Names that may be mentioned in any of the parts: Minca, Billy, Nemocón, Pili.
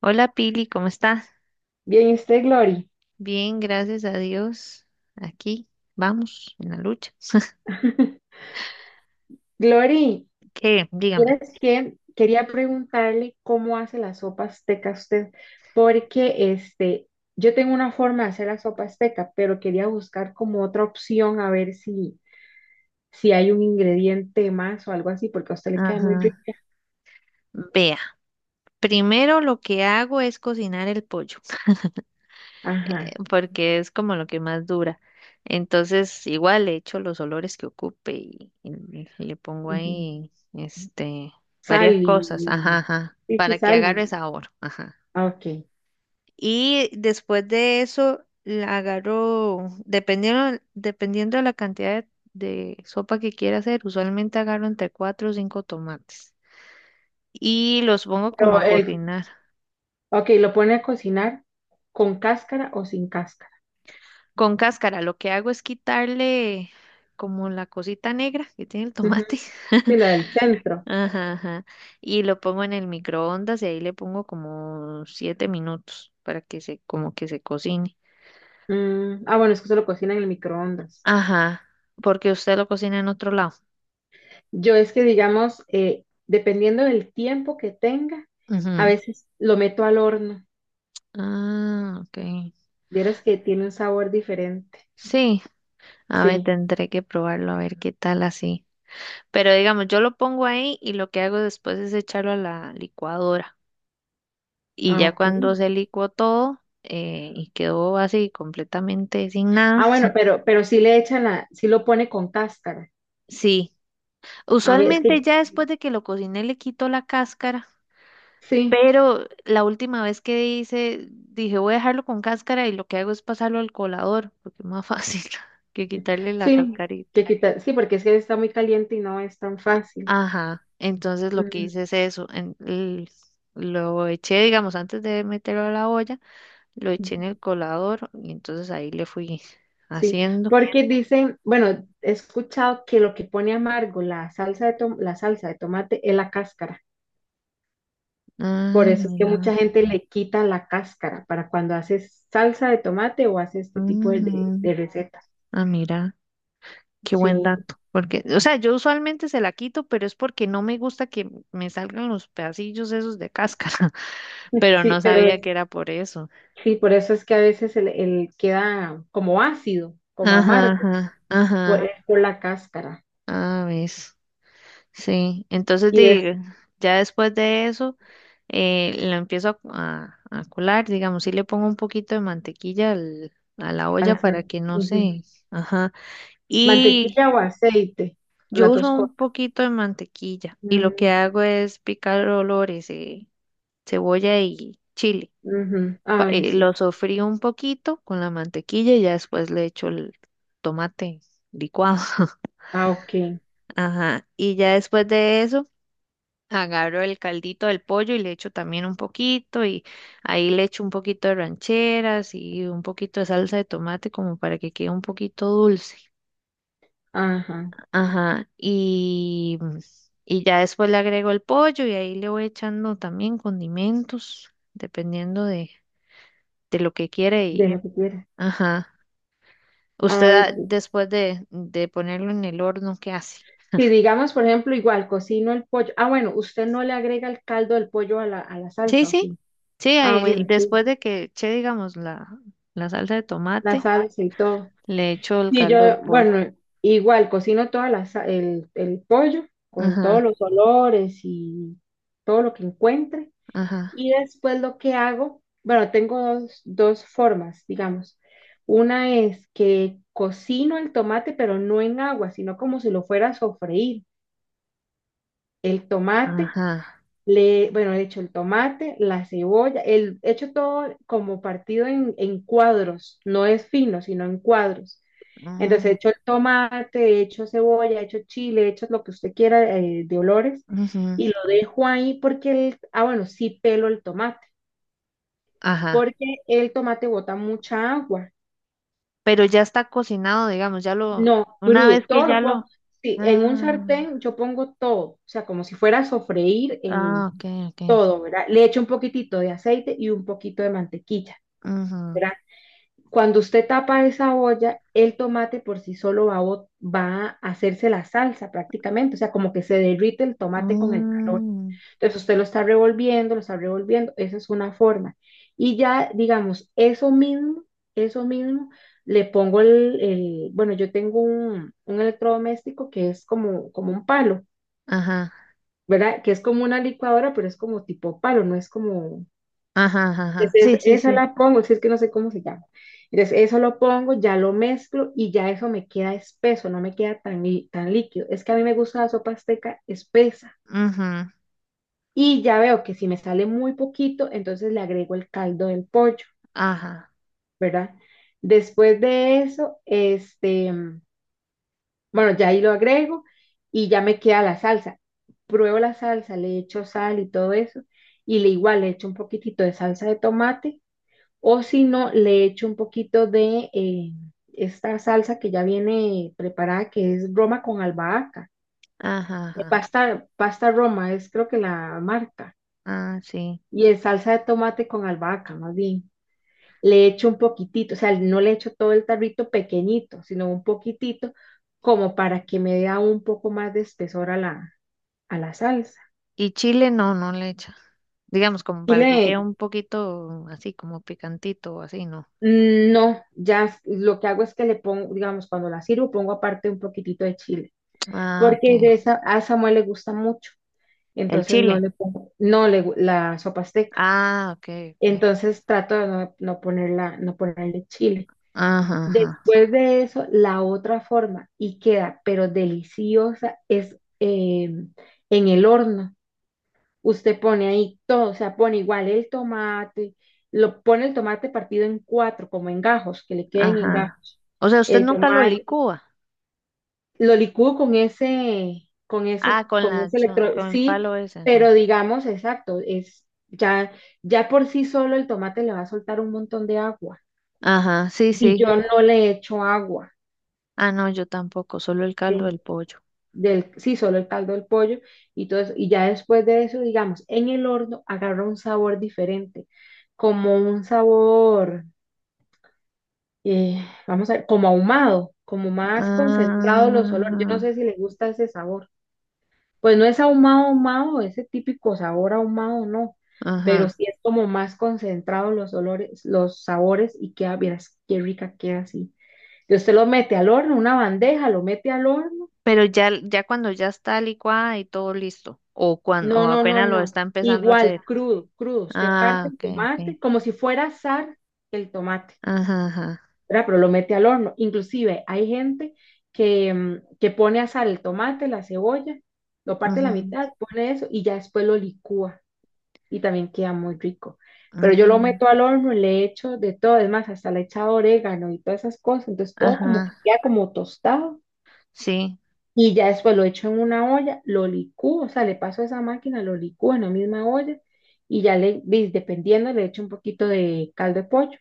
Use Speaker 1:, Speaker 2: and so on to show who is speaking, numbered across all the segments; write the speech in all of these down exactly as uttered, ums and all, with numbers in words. Speaker 1: Hola Pili, ¿cómo estás?
Speaker 2: Bien, ¿y usted, Glory?
Speaker 1: Bien, gracias a Dios. Aquí vamos en la lucha.
Speaker 2: Glory,
Speaker 1: ¿Qué? Dígame.
Speaker 2: ¿tienes que quería preguntarle cómo hace la sopa azteca usted, porque este, yo tengo una forma de hacer la sopa azteca, pero quería buscar como otra opción a ver si, si hay un ingrediente más o algo así, porque a usted le queda muy
Speaker 1: Ajá.
Speaker 2: rica.
Speaker 1: Vea, primero lo que hago es cocinar el pollo,
Speaker 2: Ajá.
Speaker 1: porque es como lo que más dura. Entonces, igual le echo los olores que ocupe y, y- y le pongo
Speaker 2: Ujú.
Speaker 1: ahí, este,
Speaker 2: Sal
Speaker 1: varias
Speaker 2: y...
Speaker 1: cosas, ajá, ajá,
Speaker 2: Sí, sí,
Speaker 1: para que
Speaker 2: sal.
Speaker 1: agarre
Speaker 2: Y-
Speaker 1: sabor, ajá.
Speaker 2: ah, ok.
Speaker 1: Y después de eso, la agarro, dependiendo, dependiendo de la cantidad de, de sopa que quiera hacer, usualmente agarro entre cuatro o cinco tomates y los pongo como
Speaker 2: Pero
Speaker 1: a
Speaker 2: el,
Speaker 1: cocinar.
Speaker 2: ok, lo pone a cocinar con cáscara o sin cáscara.
Speaker 1: Con cáscara, lo que hago es quitarle como la cosita negra que tiene el
Speaker 2: Ujú.
Speaker 1: tomate.
Speaker 2: Sí, la del centro.
Speaker 1: Ajá, ajá. Y lo pongo en el microondas y ahí le pongo como siete minutos para que se, como que se cocine.
Speaker 2: Mm, ah, bueno, es que se lo cocinan en el microondas.
Speaker 1: Ajá, porque usted lo cocina en otro lado.
Speaker 2: Yo es que, digamos, eh, dependiendo del tiempo que tenga, a
Speaker 1: Ujú.
Speaker 2: veces lo meto al horno.
Speaker 1: Ah, ok.
Speaker 2: Vieras que tiene un sabor diferente.
Speaker 1: Sí, a ver,
Speaker 2: Sí.
Speaker 1: tendré que probarlo a ver qué tal así. Pero digamos, yo lo pongo ahí y lo que hago después es echarlo a la licuadora. Y
Speaker 2: Ah,
Speaker 1: ya
Speaker 2: ok.
Speaker 1: cuando se licuó todo eh, y quedó así completamente sin
Speaker 2: Ah,
Speaker 1: nada,
Speaker 2: bueno, pero, pero sí le echan la, sí lo pone con cáscara.
Speaker 1: sí.
Speaker 2: A ver, es
Speaker 1: Usualmente
Speaker 2: que
Speaker 1: ya después de que lo cociné le quito la cáscara,
Speaker 2: sí,
Speaker 1: pero la última vez que hice, dije voy a dejarlo con cáscara y lo que hago es pasarlo al colador, porque es más fácil que quitarle la
Speaker 2: sí, que
Speaker 1: cascarita.
Speaker 2: quita, sí, porque es que está muy caliente y no es tan fácil.
Speaker 1: Ajá, entonces lo que
Speaker 2: Mm,
Speaker 1: hice es eso, en- l- lo eché, digamos, antes de meterlo a la olla, lo eché en el colador y entonces ahí le fui
Speaker 2: sí,
Speaker 1: haciendo.
Speaker 2: porque dicen, bueno, he escuchado que lo que pone amargo la salsa de tom- la salsa de tomate es la cáscara. Por
Speaker 1: Ah,
Speaker 2: eso es que
Speaker 1: mira,
Speaker 2: mucha gente le quita la cáscara para cuando haces salsa de tomate o haces este tipo de, de,
Speaker 1: ujú,
Speaker 2: de recetas.
Speaker 1: ah, mira, qué buen
Speaker 2: Sí,
Speaker 1: dato, porque, o sea, yo usualmente se la quito, pero es porque no me gusta que me salgan los pedacillos esos de cáscara, pero no
Speaker 2: sí, pero
Speaker 1: sabía que
Speaker 2: es-
Speaker 1: era por eso.
Speaker 2: sí, por eso es que a veces el, el queda como ácido, como
Speaker 1: Ajá,
Speaker 2: amargo,
Speaker 1: ajá,
Speaker 2: por,
Speaker 1: ajá,
Speaker 2: es por la cáscara.
Speaker 1: ah, ves. Sí, entonces
Speaker 2: Y
Speaker 1: di-
Speaker 2: es
Speaker 1: ya después de eso eh, lo empiezo a, a- a colar, digamos, sí le pongo un poquito de mantequilla al- a la olla para
Speaker 2: salsa.
Speaker 1: que no
Speaker 2: Ujú.
Speaker 1: se, ajá, y
Speaker 2: Mantequilla o aceite,
Speaker 1: yo
Speaker 2: las dos
Speaker 1: uso un
Speaker 2: cosas.
Speaker 1: poquito de mantequilla y lo que
Speaker 2: Mm,
Speaker 1: hago es picar olores, eh, cebolla y chile,
Speaker 2: ujú.
Speaker 1: Pa-
Speaker 2: A ver,
Speaker 1: eh, lo
Speaker 2: sí.
Speaker 1: sofrío un poquito con la mantequilla y ya después le echo el tomate licuado,
Speaker 2: Ah, ok.
Speaker 1: ajá, y ya después de eso agarro el caldito del pollo y le echo también un poquito y ahí le echo un poquito de rancheras y un poquito de salsa de tomate como para que quede un poquito dulce.
Speaker 2: Ajá.
Speaker 1: Ajá, y, y ya después le agrego el pollo y ahí le voy echando también condimentos, dependiendo de, de lo que quiere
Speaker 2: De
Speaker 1: y,
Speaker 2: lo que quieras.
Speaker 1: ajá. Usted
Speaker 2: A ver,
Speaker 1: ah, después de, de ponerlo en el horno, ¿qué hace?
Speaker 2: si digamos, por ejemplo, igual cocino el pollo. Ah, bueno, usted no le agrega el caldo del pollo a la, a la
Speaker 1: Sí,
Speaker 2: salsa, ¿o
Speaker 1: sí,
Speaker 2: sí?
Speaker 1: sí,
Speaker 2: Ah,
Speaker 1: ahí,
Speaker 2: bueno, sí,
Speaker 1: después de que eché, digamos, la, la salsa de
Speaker 2: la
Speaker 1: tomate.
Speaker 2: salsa y todo.
Speaker 1: Le echo el
Speaker 2: Sí, yo,
Speaker 1: caldo del pollo.
Speaker 2: bueno, igual cocino toda la, sa- el, el pollo con todos
Speaker 1: Ajá,
Speaker 2: los olores y todo lo que encuentre.
Speaker 1: ajá,
Speaker 2: Y después lo que hago, bueno, tengo dos, dos formas, digamos. Una es que cocino el tomate, pero no en agua, sino como si lo fuera a sofreír. El tomate.
Speaker 1: ajá.
Speaker 2: Le, bueno, le echo el tomate, la cebolla, el, echo todo como partido en, en cuadros, no es fino, sino en cuadros. Entonces
Speaker 1: Mm,
Speaker 2: echo el tomate, echo cebolla, echo chile, echo lo que usted quiera eh, de olores
Speaker 1: ujú,
Speaker 2: y lo dejo ahí porque, el, ah, bueno, sí pelo el tomate,
Speaker 1: ajá.
Speaker 2: porque el tomate bota mucha agua.
Speaker 1: Pero ya está cocinado, digamos, ya lo,
Speaker 2: No,
Speaker 1: una vez
Speaker 2: crudo,
Speaker 1: que
Speaker 2: todo
Speaker 1: ya
Speaker 2: lo pongo.
Speaker 1: lo,
Speaker 2: Sí, en un
Speaker 1: ah,
Speaker 2: sartén yo pongo todo, o sea, como si fuera a sofreír el,
Speaker 1: ah, ok, ok.
Speaker 2: todo, ¿verdad? Le echo un poquitito de aceite y un poquito de mantequilla,
Speaker 1: Ujú,
Speaker 2: ¿verdad? Cuando usted tapa esa olla, el tomate por sí solo va, a bot- va a hacerse la salsa prácticamente, o sea, como que se derrite el tomate con el calor.
Speaker 1: mm,
Speaker 2: Entonces usted lo está revolviendo, lo está revolviendo, esa es una forma. Y ya, digamos, eso mismo, eso mismo, le pongo el, el- bueno, yo tengo un, un electrodoméstico que es como, como un palo,
Speaker 1: ajá,
Speaker 2: ¿verdad? Que es como una licuadora, pero es como tipo palo, no es como.
Speaker 1: ajá, ajá. Ajá, sí,
Speaker 2: Entonces,
Speaker 1: sí,
Speaker 2: esa
Speaker 1: sí.
Speaker 2: la pongo, si es que no sé cómo se llama. Entonces, eso lo pongo, ya lo mezclo y ya eso me queda espeso, no me queda tan, lí- tan líquido. Es que a mí me gusta la sopa azteca espesa.
Speaker 1: Ujú,
Speaker 2: Y ya veo que si me sale muy poquito, entonces le agrego el caldo del pollo,
Speaker 1: ajá,
Speaker 2: ¿verdad? Después de eso, este, mm, bueno, ya ahí lo agrego y ya me queda la salsa. Pruebo la salsa, le echo sal y todo eso. Y le igual le echo un poquitito de salsa de tomate. O si no, le echo un poquito de eh, esta salsa que ya viene preparada, que es Roma con albahaca.
Speaker 1: ajá,
Speaker 2: Eh,
Speaker 1: ajá.
Speaker 2: Pasta, pasta Roma es creo que la marca.
Speaker 1: Ah, sí.
Speaker 2: Y es salsa de tomate con albahaca, más bien. Le echo un poquitito, o sea, no le echo todo el tarrito pequeñito, sino un poquitito, como para que me dé aún un poco más de espesor a la, a la salsa.
Speaker 1: Y chile no, no le echa. Digamos, como
Speaker 2: Y
Speaker 1: para que
Speaker 2: le,
Speaker 1: quede un poquito así, como picantito así, ¿no?
Speaker 2: mm, no, ya lo que hago es que le pongo, digamos, cuando la sirvo, pongo aparte un poquitito de chile
Speaker 1: Ah, ok.
Speaker 2: porque de esa, a Samuel le gusta mucho,
Speaker 1: El
Speaker 2: entonces no
Speaker 1: chile.
Speaker 2: le pongo, no le, gu- la sopa azteca,
Speaker 1: Ah, ok, ok.
Speaker 2: entonces trato de no, no ponerla, no ponerle chile.
Speaker 1: Ajá, ajá,
Speaker 2: Después de eso, la otra forma, y queda, pero deliciosa, es eh, en el horno. Usted pone ahí todo, o sea, pone igual el tomate, lo pone el tomate partido en cuatro, como en gajos, que le queden en
Speaker 1: ajá.
Speaker 2: gajos,
Speaker 1: O sea, usted
Speaker 2: el
Speaker 1: nunca lo
Speaker 2: tomate
Speaker 1: licúa.
Speaker 2: lo licúo con ese, con ese,
Speaker 1: Ah, con
Speaker 2: con
Speaker 1: la,
Speaker 2: ese
Speaker 1: yo-
Speaker 2: electro,
Speaker 1: con el
Speaker 2: sí,
Speaker 1: palo ese, ajá.
Speaker 2: pero digamos, exacto, es ya, ya por sí solo el tomate le va a soltar un montón de agua
Speaker 1: Ajá, sí,
Speaker 2: y
Speaker 1: sí.
Speaker 2: yo no le echo agua,
Speaker 1: Ah, no, yo tampoco, solo el caldo
Speaker 2: ¿sí?
Speaker 1: del pollo.
Speaker 2: Del, sí, solo el caldo del pollo y todo eso, y ya después de eso, digamos, en el horno agarra un sabor diferente, como un sabor, eh, vamos a ver, como ahumado, como más concentrado los olores, yo no
Speaker 1: Ajá,
Speaker 2: sé si le gusta ese sabor. Pues no es ahumado, ahumado, ese típico sabor ahumado, no, pero
Speaker 1: ajá.
Speaker 2: sí es como más concentrado los olores, los sabores y queda, vieras, qué rica queda así. Y usted lo mete al horno, una bandeja, lo mete al horno.
Speaker 1: Pero ya, ya cuando ya está licuada y todo listo, o cuando
Speaker 2: No,
Speaker 1: o
Speaker 2: no, no,
Speaker 1: apenas lo
Speaker 2: no.
Speaker 1: está empezando a
Speaker 2: Igual,
Speaker 1: hacer.
Speaker 2: crudo, crudo. Usted parte
Speaker 1: Ah,
Speaker 2: el
Speaker 1: ok, ok.
Speaker 2: tomate como si fuera asar el tomate,
Speaker 1: Ajá, ajá.
Speaker 2: ¿verdad? Pero lo mete al horno. Inclusive hay gente que, mm, que pone a asar el tomate, la cebolla, lo parte a la
Speaker 1: Ujú,
Speaker 2: mitad, pone eso y ya después lo licúa y también queda muy rico. Pero yo lo
Speaker 1: mm,
Speaker 2: meto al horno y le echo de todo, es más, hasta le he echado orégano y todas esas cosas, entonces todo como que
Speaker 1: ajá,
Speaker 2: queda como tostado
Speaker 1: sí.
Speaker 2: y ya después lo echo en una olla, lo licúo, o sea, le paso a esa máquina, lo licúo en la misma olla y ya le, di- dependiendo, le echo un poquito de caldo de pollo,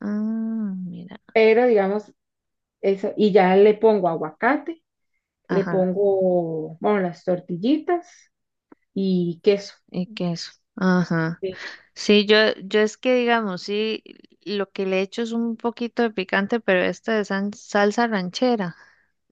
Speaker 1: Mm, mira,
Speaker 2: pero digamos, eso, y ya le pongo aguacate, le
Speaker 1: ajá.
Speaker 2: pongo, bueno, las tortillitas y queso.
Speaker 1: Y queso. Ajá.
Speaker 2: Sí.
Speaker 1: Sí, yo, yo es que digamos, sí, lo que le echo es un poquito de picante, pero esta es san- salsa ranchera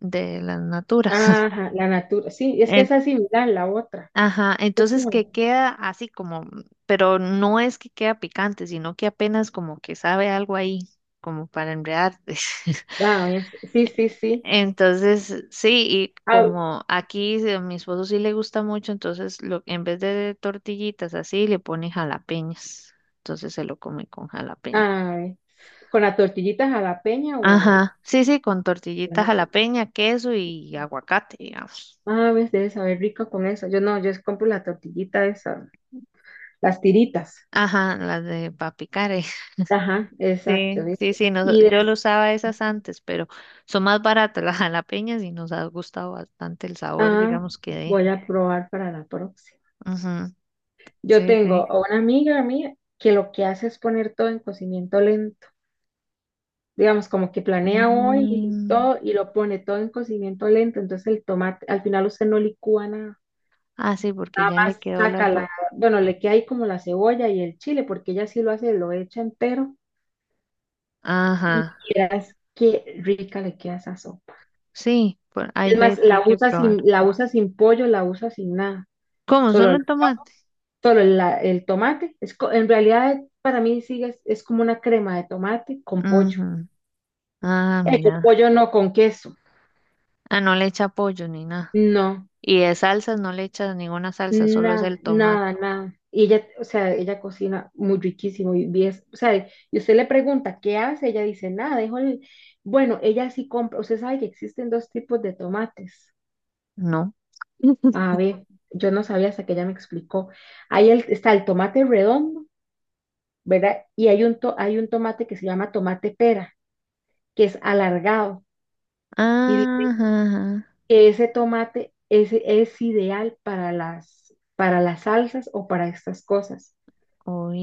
Speaker 1: de la natura.
Speaker 2: Ajá, la natura, sí, es que
Speaker 1: En-
Speaker 2: esa es similar a la otra.
Speaker 1: ajá, entonces que queda así como, pero no es que queda picante, sino que apenas como que sabe algo ahí, como para enredarte.
Speaker 2: Wow, sí, sí, sí.
Speaker 1: Entonces, sí, y
Speaker 2: Ah,
Speaker 1: como aquí sí, a mi esposo sí le gusta mucho, entonces lo, en vez de tortillitas así, le pone jalapeñas. Entonces se lo come con jalapeña.
Speaker 2: ah, con las tortillitas a la peña o...
Speaker 1: Ajá, sí, sí, con tortillitas jalapeña, queso y aguacate, digamos.
Speaker 2: Ah, ves, debe saber rico con eso. Yo no, yo compro la tortillita esa, las tiritas.
Speaker 1: Ajá, las de papicare.
Speaker 2: Ajá, exacto,
Speaker 1: Sí,
Speaker 2: ¿ves?
Speaker 1: sí, sí, nos-
Speaker 2: Y
Speaker 1: yo lo
Speaker 2: des-
Speaker 1: usaba esas antes, pero son más baratas las jalapeñas y nos ha gustado bastante el sabor,
Speaker 2: ah,
Speaker 1: digamos, que
Speaker 2: voy
Speaker 1: deja.
Speaker 2: a probar para la próxima.
Speaker 1: Ujú,
Speaker 2: Yo
Speaker 1: sí,
Speaker 2: tengo
Speaker 1: sí.
Speaker 2: a una amiga mía que lo que hace es poner todo en cocimiento lento. Digamos, como que planea hoy y
Speaker 1: Mm.
Speaker 2: todo y lo pone todo en cocimiento lento. Entonces el tomate, al final usted no licúa nada.
Speaker 1: Ah, sí, porque
Speaker 2: Nada
Speaker 1: ya le
Speaker 2: más
Speaker 1: quedó la
Speaker 2: saca la,
Speaker 1: sopa.
Speaker 2: bueno, le queda ahí como la cebolla y el chile, porque ella sí lo hace, lo echa entero
Speaker 1: Ajá,
Speaker 2: y vieras qué rica le queda esa sopa.
Speaker 1: sí, por, hay
Speaker 2: Es más,
Speaker 1: veces que hay
Speaker 2: la
Speaker 1: que
Speaker 2: usa
Speaker 1: probar.
Speaker 2: sin, la usa sin pollo, la usa sin nada,
Speaker 1: ¿Cómo? ¿Solo
Speaker 2: solo,
Speaker 1: en tomate?
Speaker 2: solo la- el tomate. Es, co- en realidad, para mí sigue, es, es como una crema de tomate con pollo.
Speaker 1: Ujú. Ah,
Speaker 2: Eh, con
Speaker 1: mira.
Speaker 2: pollo no, con queso.
Speaker 1: Ah, no le echa pollo ni nada.
Speaker 2: No.
Speaker 1: Y de salsas no le echa ninguna salsa, solo es
Speaker 2: Nada,
Speaker 1: el
Speaker 2: nada,
Speaker 1: tomate.
Speaker 2: nada. Y ella, o sea, ella cocina muy riquísimo y bien, o sea, y usted le pregunta, ¿qué hace? Ella dice, nada, dejo el... Bueno, ella sí compra, usted sabe que existen dos tipos de tomates.
Speaker 1: No.
Speaker 2: A ver, yo no sabía hasta que ella me explicó. Ahí el- está el tomate redondo, ¿verdad? Y hay un, to- hay un tomate que se llama tomate pera, que es alargado. Y dice
Speaker 1: Ajá, ajá.
Speaker 2: que ese tomate es, es ideal para las, para las salsas o para estas cosas.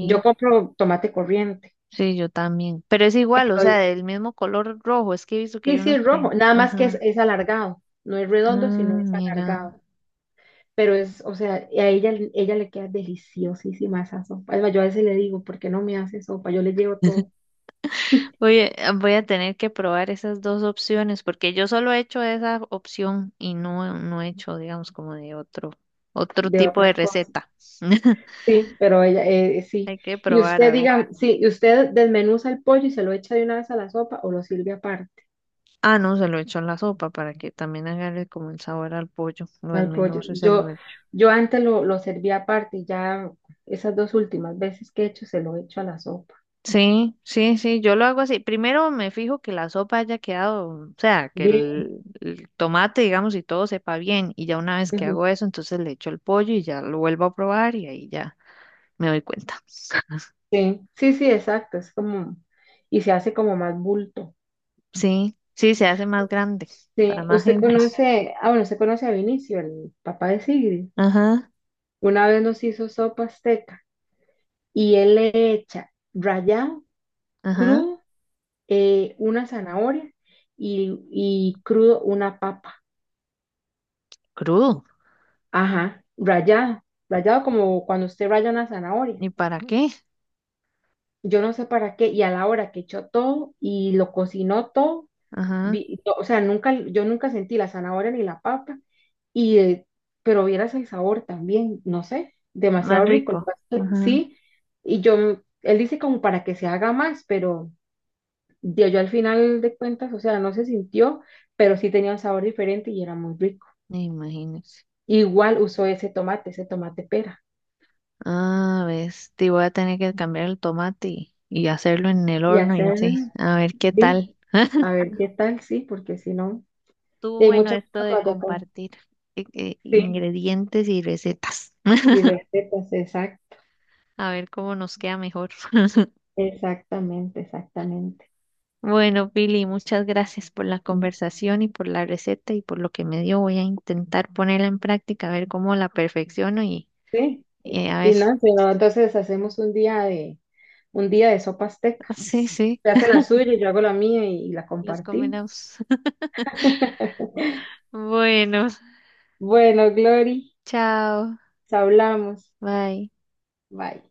Speaker 2: Yo compro tomate corriente.
Speaker 1: Sí, yo también. Pero es igual, o sea,
Speaker 2: pero
Speaker 1: del mismo color rojo. Es que he visto que hay
Speaker 2: Sí, sí,
Speaker 1: unos
Speaker 2: es
Speaker 1: que.
Speaker 2: rojo, nada más que es,
Speaker 1: Ajá.
Speaker 2: es alargado, no es redondo, sino
Speaker 1: Ah,
Speaker 2: es
Speaker 1: mira.
Speaker 2: alargado. Pero es, o sea, a ella, ella le queda deliciosísima esa sopa. Además, yo a veces le digo, ¿por qué no me hace sopa? Yo le llevo todo
Speaker 1: Oye, ah, voy a tener que probar esas dos opciones porque yo solo he hecho esa opción y no, no he hecho, digamos, como de otro, otro
Speaker 2: de
Speaker 1: tipo de
Speaker 2: otra cosa.
Speaker 1: receta.
Speaker 2: Sí, pero ella, eh, eh, sí.
Speaker 1: Hay que
Speaker 2: Y
Speaker 1: probar a
Speaker 2: usted
Speaker 1: ver.
Speaker 2: diga, sí, y usted desmenuza el pollo y se lo echa de una vez a la sopa o lo sirve aparte
Speaker 1: Ah, no, se lo he hecho en la sopa para que también agarre como el sabor al pollo. Lo
Speaker 2: no al pollo.
Speaker 1: desmenuzo y se lo
Speaker 2: Yo,
Speaker 1: echo.
Speaker 2: yo antes lo, lo servía aparte y ya esas dos últimas veces que he hecho se lo echo a la sopa.
Speaker 1: Sí, sí, sí, yo lo hago así. Primero me fijo que la sopa haya quedado, o sea, que
Speaker 2: Bien.
Speaker 1: el, el tomate, digamos, y todo sepa bien. Y ya una vez que hago eso, entonces le echo el pollo y ya lo vuelvo a probar y ahí ya me doy cuenta.
Speaker 2: Sí, sí, sí, exacto, es como, y se hace como más bulto.
Speaker 1: Sí, sí, se hace más grande
Speaker 2: Sí,
Speaker 1: para más
Speaker 2: usted
Speaker 1: gente.
Speaker 2: conoce, ah, bueno, usted conoce a Vinicio, el papá de Sigrid.
Speaker 1: Ajá,
Speaker 2: Una vez nos hizo sopa azteca y él le echa rallado,
Speaker 1: ajá,
Speaker 2: crudo, eh, una zanahoria y, y crudo una papa.
Speaker 1: crudo.
Speaker 2: Ajá, rallado, rallado como cuando usted raya una zanahoria.
Speaker 1: ¿Y para qué?
Speaker 2: Yo no sé para qué, y a la hora que echó todo y lo cocinó todo,
Speaker 1: Ajá,
Speaker 2: vi- no, o sea, nunca, yo nunca sentí la zanahoria ni la papa, y, eh, pero vieras el sabor también, no sé,
Speaker 1: más
Speaker 2: demasiado rico el
Speaker 1: rico.
Speaker 2: pastel,
Speaker 1: Ajá,
Speaker 2: sí, y yo, él dice como para que se haga más, pero yo, yo al final de cuentas, o sea, no se sintió, pero sí tenía un sabor diferente y era muy rico.
Speaker 1: imagínese.
Speaker 2: Igual usó ese tomate, ese tomate, pera,
Speaker 1: Ah, ves, te voy a tener que cambiar el tomate y, y hacerlo en el
Speaker 2: y
Speaker 1: horno y
Speaker 2: hacer,
Speaker 1: así. A ver qué
Speaker 2: sí,
Speaker 1: tal.
Speaker 2: a ver qué tal, sí, porque si no,
Speaker 1: Estuvo
Speaker 2: y hay
Speaker 1: bueno
Speaker 2: muchas
Speaker 1: esto de
Speaker 2: formas de... con-
Speaker 1: compartir eh, eh,
Speaker 2: Sí,
Speaker 1: ingredientes y recetas.
Speaker 2: y recetas, exacto,
Speaker 1: A ver cómo nos queda mejor.
Speaker 2: exactamente, exactamente.
Speaker 1: Bueno, Billy, muchas gracias por la conversación y por la receta y por lo que me dio. Voy a intentar ponerla en práctica, a ver cómo la perfecciono y,
Speaker 2: Sí, y,
Speaker 1: y a ver.
Speaker 2: y no, pero entonces hacemos un día de un día de sopas
Speaker 1: Sí,
Speaker 2: tecas.
Speaker 1: sí,
Speaker 2: Se hace la suya, yo hago la mía y, y la
Speaker 1: los
Speaker 2: compartimos.
Speaker 1: combinamos. Bueno,
Speaker 2: Bueno, Glory,
Speaker 1: chao,
Speaker 2: nos hablamos.
Speaker 1: bye.
Speaker 2: Bye.